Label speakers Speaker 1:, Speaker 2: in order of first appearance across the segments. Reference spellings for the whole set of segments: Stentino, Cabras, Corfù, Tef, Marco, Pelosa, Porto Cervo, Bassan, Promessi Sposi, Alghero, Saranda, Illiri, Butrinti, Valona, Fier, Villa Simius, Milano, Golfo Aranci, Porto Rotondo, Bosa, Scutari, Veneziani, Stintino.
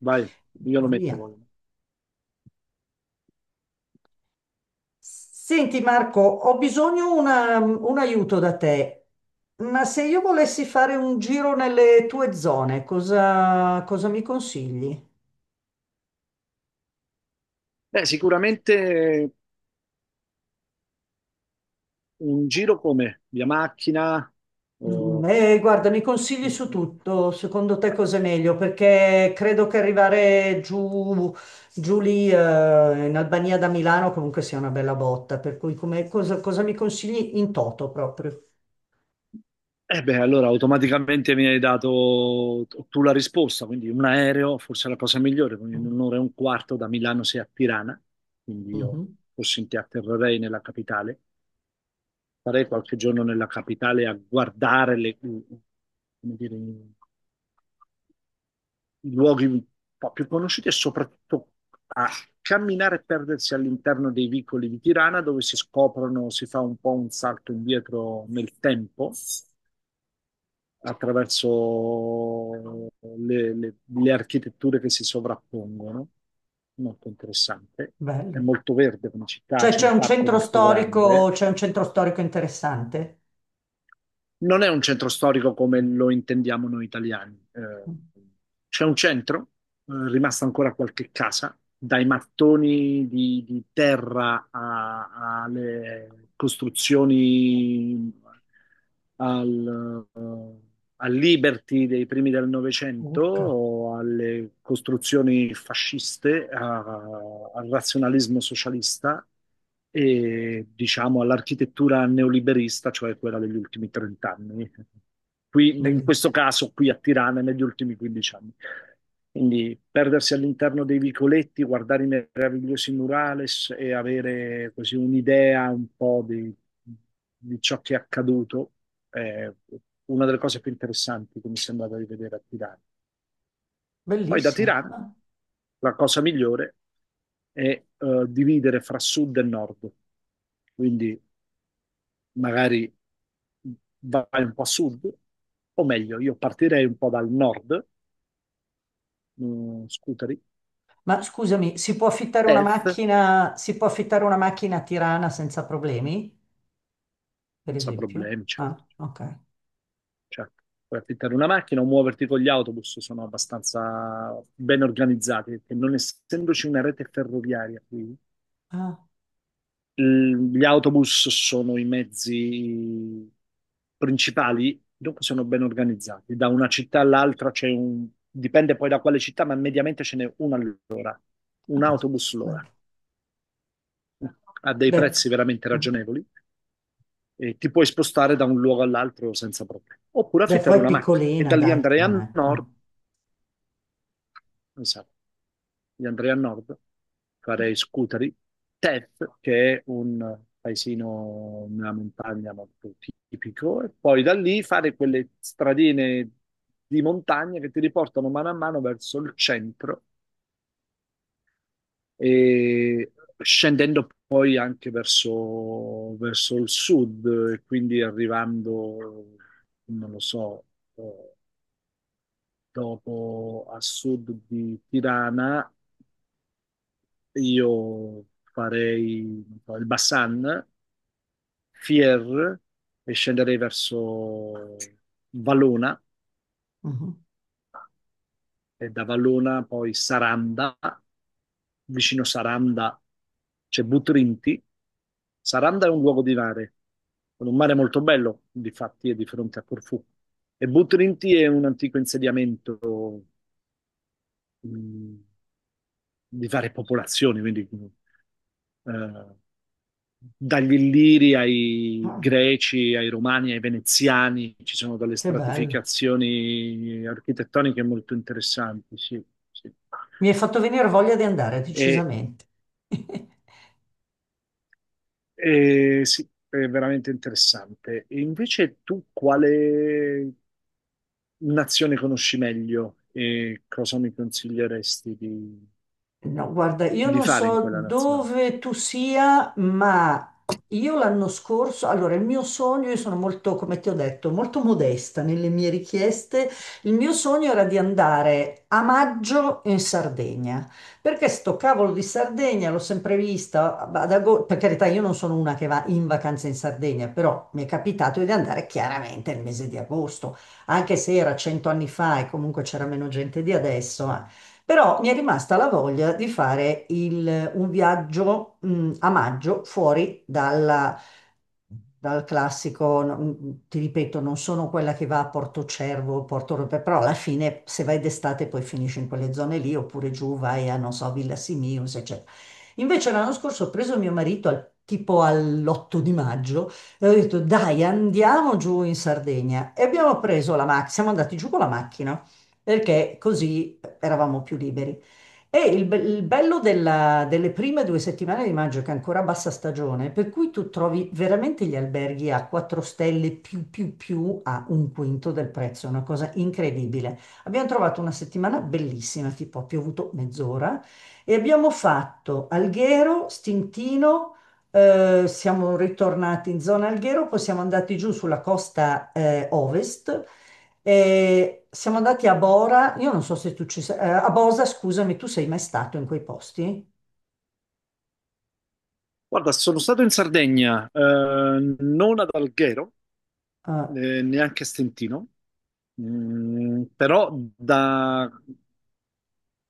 Speaker 1: Vai, io lo metto
Speaker 2: Via.
Speaker 1: poi.
Speaker 2: Senti Marco, ho bisogno un aiuto da te, ma se io volessi fare un giro nelle tue zone, cosa mi consigli?
Speaker 1: Sicuramente un giro come via macchina o...
Speaker 2: Guarda, mi consigli su tutto, secondo te cos'è meglio? Perché credo che arrivare giù lì, in Albania da Milano comunque sia una bella botta, per cui cosa mi consigli in toto proprio?
Speaker 1: Allora automaticamente mi hai dato tu la risposta, quindi un aereo forse è la cosa migliore, quindi in
Speaker 2: Mm.
Speaker 1: un'ora e un quarto da Milano sei a Tirana, quindi io
Speaker 2: Mhm.
Speaker 1: forse in ti atterrerei nella capitale, farei qualche giorno nella capitale a guardare i luoghi un po' più conosciuti e soprattutto a camminare e perdersi all'interno dei vicoli di Tirana, dove si scoprono, si fa un po' un salto indietro nel tempo attraverso le architetture che si sovrappongono. Molto interessante. È
Speaker 2: Bello.
Speaker 1: molto verde come città,
Speaker 2: Cioè
Speaker 1: c'è
Speaker 2: c'è
Speaker 1: un
Speaker 2: un
Speaker 1: parco
Speaker 2: centro
Speaker 1: molto
Speaker 2: storico,
Speaker 1: grande.
Speaker 2: c'è un centro storico interessante.
Speaker 1: Non è un centro storico come lo intendiamo noi italiani. C'è un centro, rimasta ancora qualche casa, dai mattoni di terra alle costruzioni al al Liberty dei primi del Novecento,
Speaker 2: Urca,
Speaker 1: o alle costruzioni fasciste, al razionalismo socialista e diciamo all'architettura neoliberista, cioè quella degli ultimi 30 anni. Qui, in questo
Speaker 2: bellissimo,
Speaker 1: caso, qui a Tirana, negli ultimi 15 anni. Quindi perdersi all'interno dei vicoletti, guardare i meravigliosi murales e avere così un'idea un po' di ciò che è accaduto è una delle cose più interessanti che mi sembrava di vedere a Tirana. Poi da
Speaker 2: bellissimo.
Speaker 1: Tirana
Speaker 2: Ah.
Speaker 1: la cosa migliore è dividere fra sud e nord. Quindi magari vai un po' a sud, o meglio, io partirei un po' dal nord, scuteri,
Speaker 2: Ma scusami, si può affittare una
Speaker 1: Perth,
Speaker 2: macchina, si può affittare una macchina a Tirana senza problemi, per
Speaker 1: senza
Speaker 2: esempio?
Speaker 1: problemi, certo.
Speaker 2: Ah, ok.
Speaker 1: Certo. Puoi affittare una macchina o muoverti con gli autobus, sono abbastanza ben organizzati, perché non essendoci una rete ferroviaria qui,
Speaker 2: Ah,
Speaker 1: gli autobus sono i mezzi principali, dopo sono ben organizzati. Da una città all'altra c'è un... dipende poi da quale città, ma mediamente ce n'è una all'ora,
Speaker 2: ah,
Speaker 1: un
Speaker 2: caspita.
Speaker 1: autobus
Speaker 2: Bello.
Speaker 1: all'ora. A dei
Speaker 2: Beh,
Speaker 1: prezzi veramente
Speaker 2: mm.
Speaker 1: ragionevoli e ti puoi spostare da un luogo all'altro senza problemi. Oppure
Speaker 2: Beh,
Speaker 1: affittare
Speaker 2: poi è
Speaker 1: una macchina e
Speaker 2: piccolina,
Speaker 1: da lì
Speaker 2: dai,
Speaker 1: andare
Speaker 2: non
Speaker 1: a
Speaker 2: è. Ah.
Speaker 1: nord. Esatto. Io andrei a nord, farei Scutari, Tef, che è un paesino nella montagna molto tipico, e poi da lì fare quelle stradine di montagna che ti riportano mano a mano verso il centro e scendendo poi anche verso, verso il sud, e quindi arrivando, non lo so, eh, dopo a sud di Tirana. Io farei non so, il Bassan, Fier e scenderei verso Valona
Speaker 2: Mhm.
Speaker 1: e da Valona poi Saranda, vicino Saranda c'è Butrinti. Saranda è un luogo di mare, con un mare molto bello, difatti è di fronte a Corfù. E Butrinti è un antico insediamento mh, di varie popolazioni, quindi eh, dagli Illiri ai
Speaker 2: Ah,
Speaker 1: Greci, ai Romani, ai Veneziani, ci sono delle
Speaker 2: che bello.
Speaker 1: stratificazioni architettoniche molto interessanti, sì, sì.
Speaker 2: Mi hai fatto venire voglia di andare,
Speaker 1: E,
Speaker 2: decisamente.
Speaker 1: e sì, è veramente interessante. E invece tu quale nazione conosci meglio e cosa mi consiglieresti
Speaker 2: No, guarda, io
Speaker 1: di
Speaker 2: non
Speaker 1: fare in
Speaker 2: so
Speaker 1: quella nazione?
Speaker 2: dove tu sia, ma io l'anno scorso, allora il mio sogno, io sono molto, come ti ho detto, molto modesta nelle mie richieste, il mio sogno era di andare a maggio in Sardegna, perché sto cavolo di Sardegna l'ho sempre vista, per carità, io non sono una che va in vacanza in Sardegna, però mi è capitato di andare chiaramente nel mese di agosto, anche se era 100 anni fa e comunque c'era meno gente di adesso, però mi è rimasta la voglia di fare un viaggio, a maggio fuori dal classico, no, ti ripeto, non sono quella che va a Porto Cervo, Porto Rope, però alla fine se vai d'estate poi finisci in quelle zone lì, oppure giù vai a, non so, Villa Simius, eccetera. Invece l'anno scorso ho preso mio marito tipo all'8 di maggio e ho detto dai andiamo giù in Sardegna e abbiamo preso la macchina, siamo andati giù con la macchina perché così eravamo più liberi. E il bello delle prime due settimane di maggio, che è ancora bassa stagione, per cui tu trovi veramente gli alberghi a 4 stelle più a un quinto del prezzo, è una cosa incredibile. Abbiamo trovato una settimana bellissima, tipo ha piovuto mezz'ora, e abbiamo fatto Alghero, Stintino, siamo ritornati in zona Alghero, poi siamo andati giù sulla costa ovest e siamo andati a Bora, io non so se tu ci sei, a Bosa, scusami, tu sei mai stato in quei posti?
Speaker 1: Guarda, sono stato in Sardegna, non ad Alghero,
Speaker 2: Eh,
Speaker 1: neanche a Stentino. Però da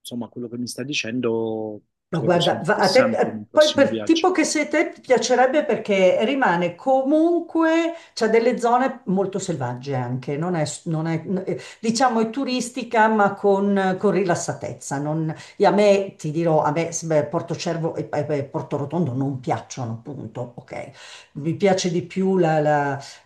Speaker 1: insomma, quello che mi stai dicendo
Speaker 2: no,
Speaker 1: credo sia
Speaker 2: guarda, a te,
Speaker 1: interessante in un
Speaker 2: poi
Speaker 1: prossimo
Speaker 2: per tipo
Speaker 1: viaggio.
Speaker 2: che sei te, ti piacerebbe perché rimane comunque, c'è delle zone molto selvagge anche, non è, non è- n- diciamo è turistica ma con rilassatezza. E a me, ti dirò, beh, Porto Cervo e Porto Rotondo non piacciono, punto, ok? Mi piace di più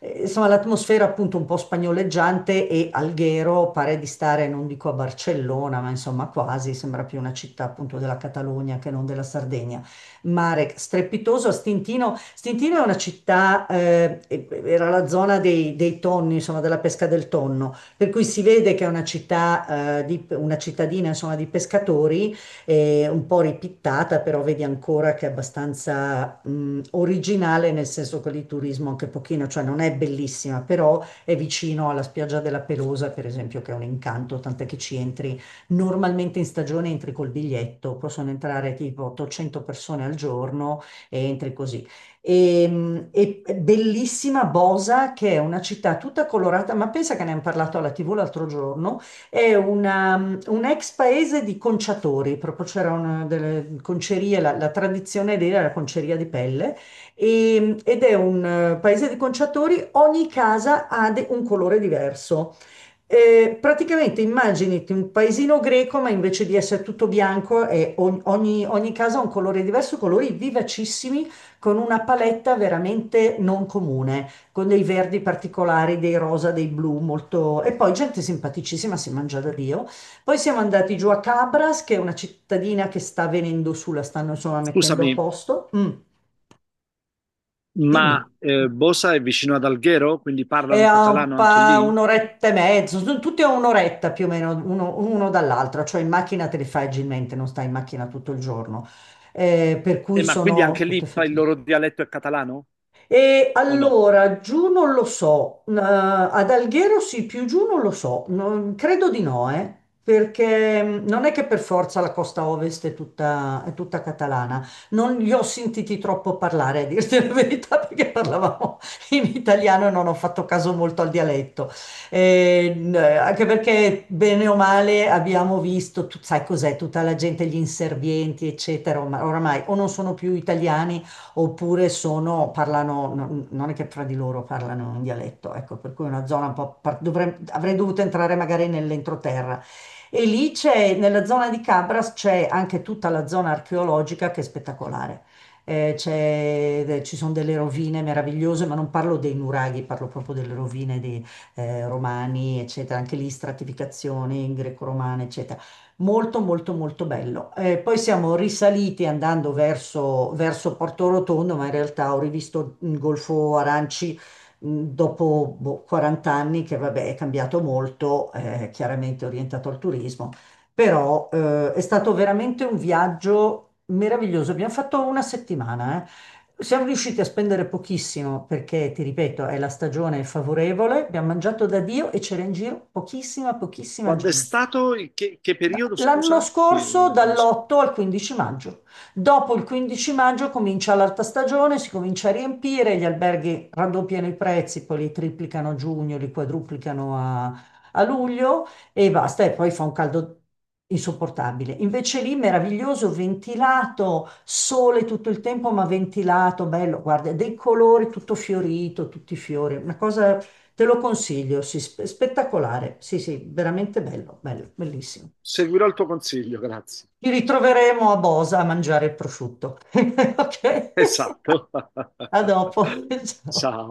Speaker 2: insomma, l'atmosfera appunto un po' spagnoleggiante e Alghero pare di stare, non dico a Barcellona, ma insomma quasi, sembra più una città appunto della Catalogna che non della Sardegna. Mare strepitoso a Stintino. Stintino è una città, era la zona dei tonni, insomma, della pesca del tonno, per cui si vede che è una città, una cittadina, insomma, di pescatori un po' ripittata, però vedi ancora che è abbastanza originale, nel senso che lì turismo anche pochino, cioè non è bellissima, però è vicino alla spiaggia della Pelosa, per esempio, che è un incanto, tant'è che ci entri normalmente in stagione, entri col biglietto, possono entrare tipo 800 persone al giorno e entri così. E bellissima Bosa, che è una città tutta colorata, ma pensa che ne hanno parlato alla TV l'altro giorno, è un ex paese di conciatori, proprio c'era una delle concerie, la tradizione lì era la conceria di pelle, e- mm, ed è un paese di conciatori, ogni casa ha un colore diverso. Praticamente immaginati un paesino greco, ma invece di essere tutto bianco, è ogni casa ha un colore diverso, colori vivacissimi, con una paletta veramente non comune, con dei verdi particolari, dei rosa, dei blu, molto. E poi gente simpaticissima, si mangia da Dio. Poi siamo andati giù a Cabras, che è una cittadina che sta venendo su, la stanno insomma mettendo a
Speaker 1: Scusami,
Speaker 2: posto. Mm,
Speaker 1: ma
Speaker 2: dimmi.
Speaker 1: Bosa è vicino ad Alghero, quindi
Speaker 2: È
Speaker 1: parlano
Speaker 2: a
Speaker 1: catalano anche lì?
Speaker 2: un'oretta e mezzo, sono tutti a un'oretta più o meno uno, uno dall'altro, cioè in macchina te li fai agilmente, non stai in macchina tutto il giorno. Per cui
Speaker 1: Ma quindi
Speaker 2: sono
Speaker 1: anche
Speaker 2: tutte
Speaker 1: lì il
Speaker 2: fatte.
Speaker 1: loro dialetto è catalano
Speaker 2: E
Speaker 1: o no?
Speaker 2: allora, giù non lo so, ad Alghero sì, più giù non lo so, credo di no, perché mm, non è che per forza la costa ovest è tutta catalana, non li ho sentiti troppo parlare, a dirti la verità, perché parlavamo in italiano e non ho fatto caso molto al dialetto. Anche perché bene o male abbiamo visto, tu sai cos'è, tutta la gente, gli inservienti, eccetera, ormai, oramai o non sono più italiani oppure sono, parlano, non è che fra di loro parlano in dialetto, ecco, per cui è una zona un po', avrei dovuto entrare magari nell'entroterra. E lì c'è, nella zona di Cabras c'è anche tutta la zona archeologica che è spettacolare. Ci sono delle rovine meravigliose, ma non parlo dei nuraghi, parlo proprio delle rovine dei romani, eccetera, anche lì stratificazioni greco-romane, eccetera, molto molto molto bello. Poi siamo risaliti andando verso Porto Rotondo, ma in realtà ho rivisto il Golfo Aranci dopo boh, 40 anni, che vabbè è cambiato molto, chiaramente orientato al turismo, però è stato veramente un viaggio meraviglioso. Abbiamo fatto una settimana, eh. Siamo riusciti a spendere pochissimo perché, ti ripeto, è la stagione favorevole, abbiamo mangiato da Dio e c'era in giro pochissima
Speaker 1: Quando è
Speaker 2: gente.
Speaker 1: stato? Che periodo,
Speaker 2: L'anno
Speaker 1: scusa?
Speaker 2: scorso
Speaker 1: Mi s-
Speaker 2: dall'8 al 15 maggio. Dopo il 15 maggio comincia l'alta stagione, si comincia a riempire, gli alberghi raddoppiano i prezzi, poi li triplicano a giugno, li quadruplicano a luglio e basta, e poi fa un caldo insopportabile. Invece lì meraviglioso, ventilato, sole tutto il tempo, ma ventilato, bello, guarda, dei colori, tutto fiorito, tutti i fiori, una cosa. Te lo consiglio, sì, spettacolare, sì, sì, veramente bello, bello, bellissimo.
Speaker 1: seguirò il tuo consiglio, grazie.
Speaker 2: Ci ritroveremo a Bosa a mangiare il prosciutto. Ok,
Speaker 1: Esatto.
Speaker 2: a dopo. Ciao.
Speaker 1: Ciao.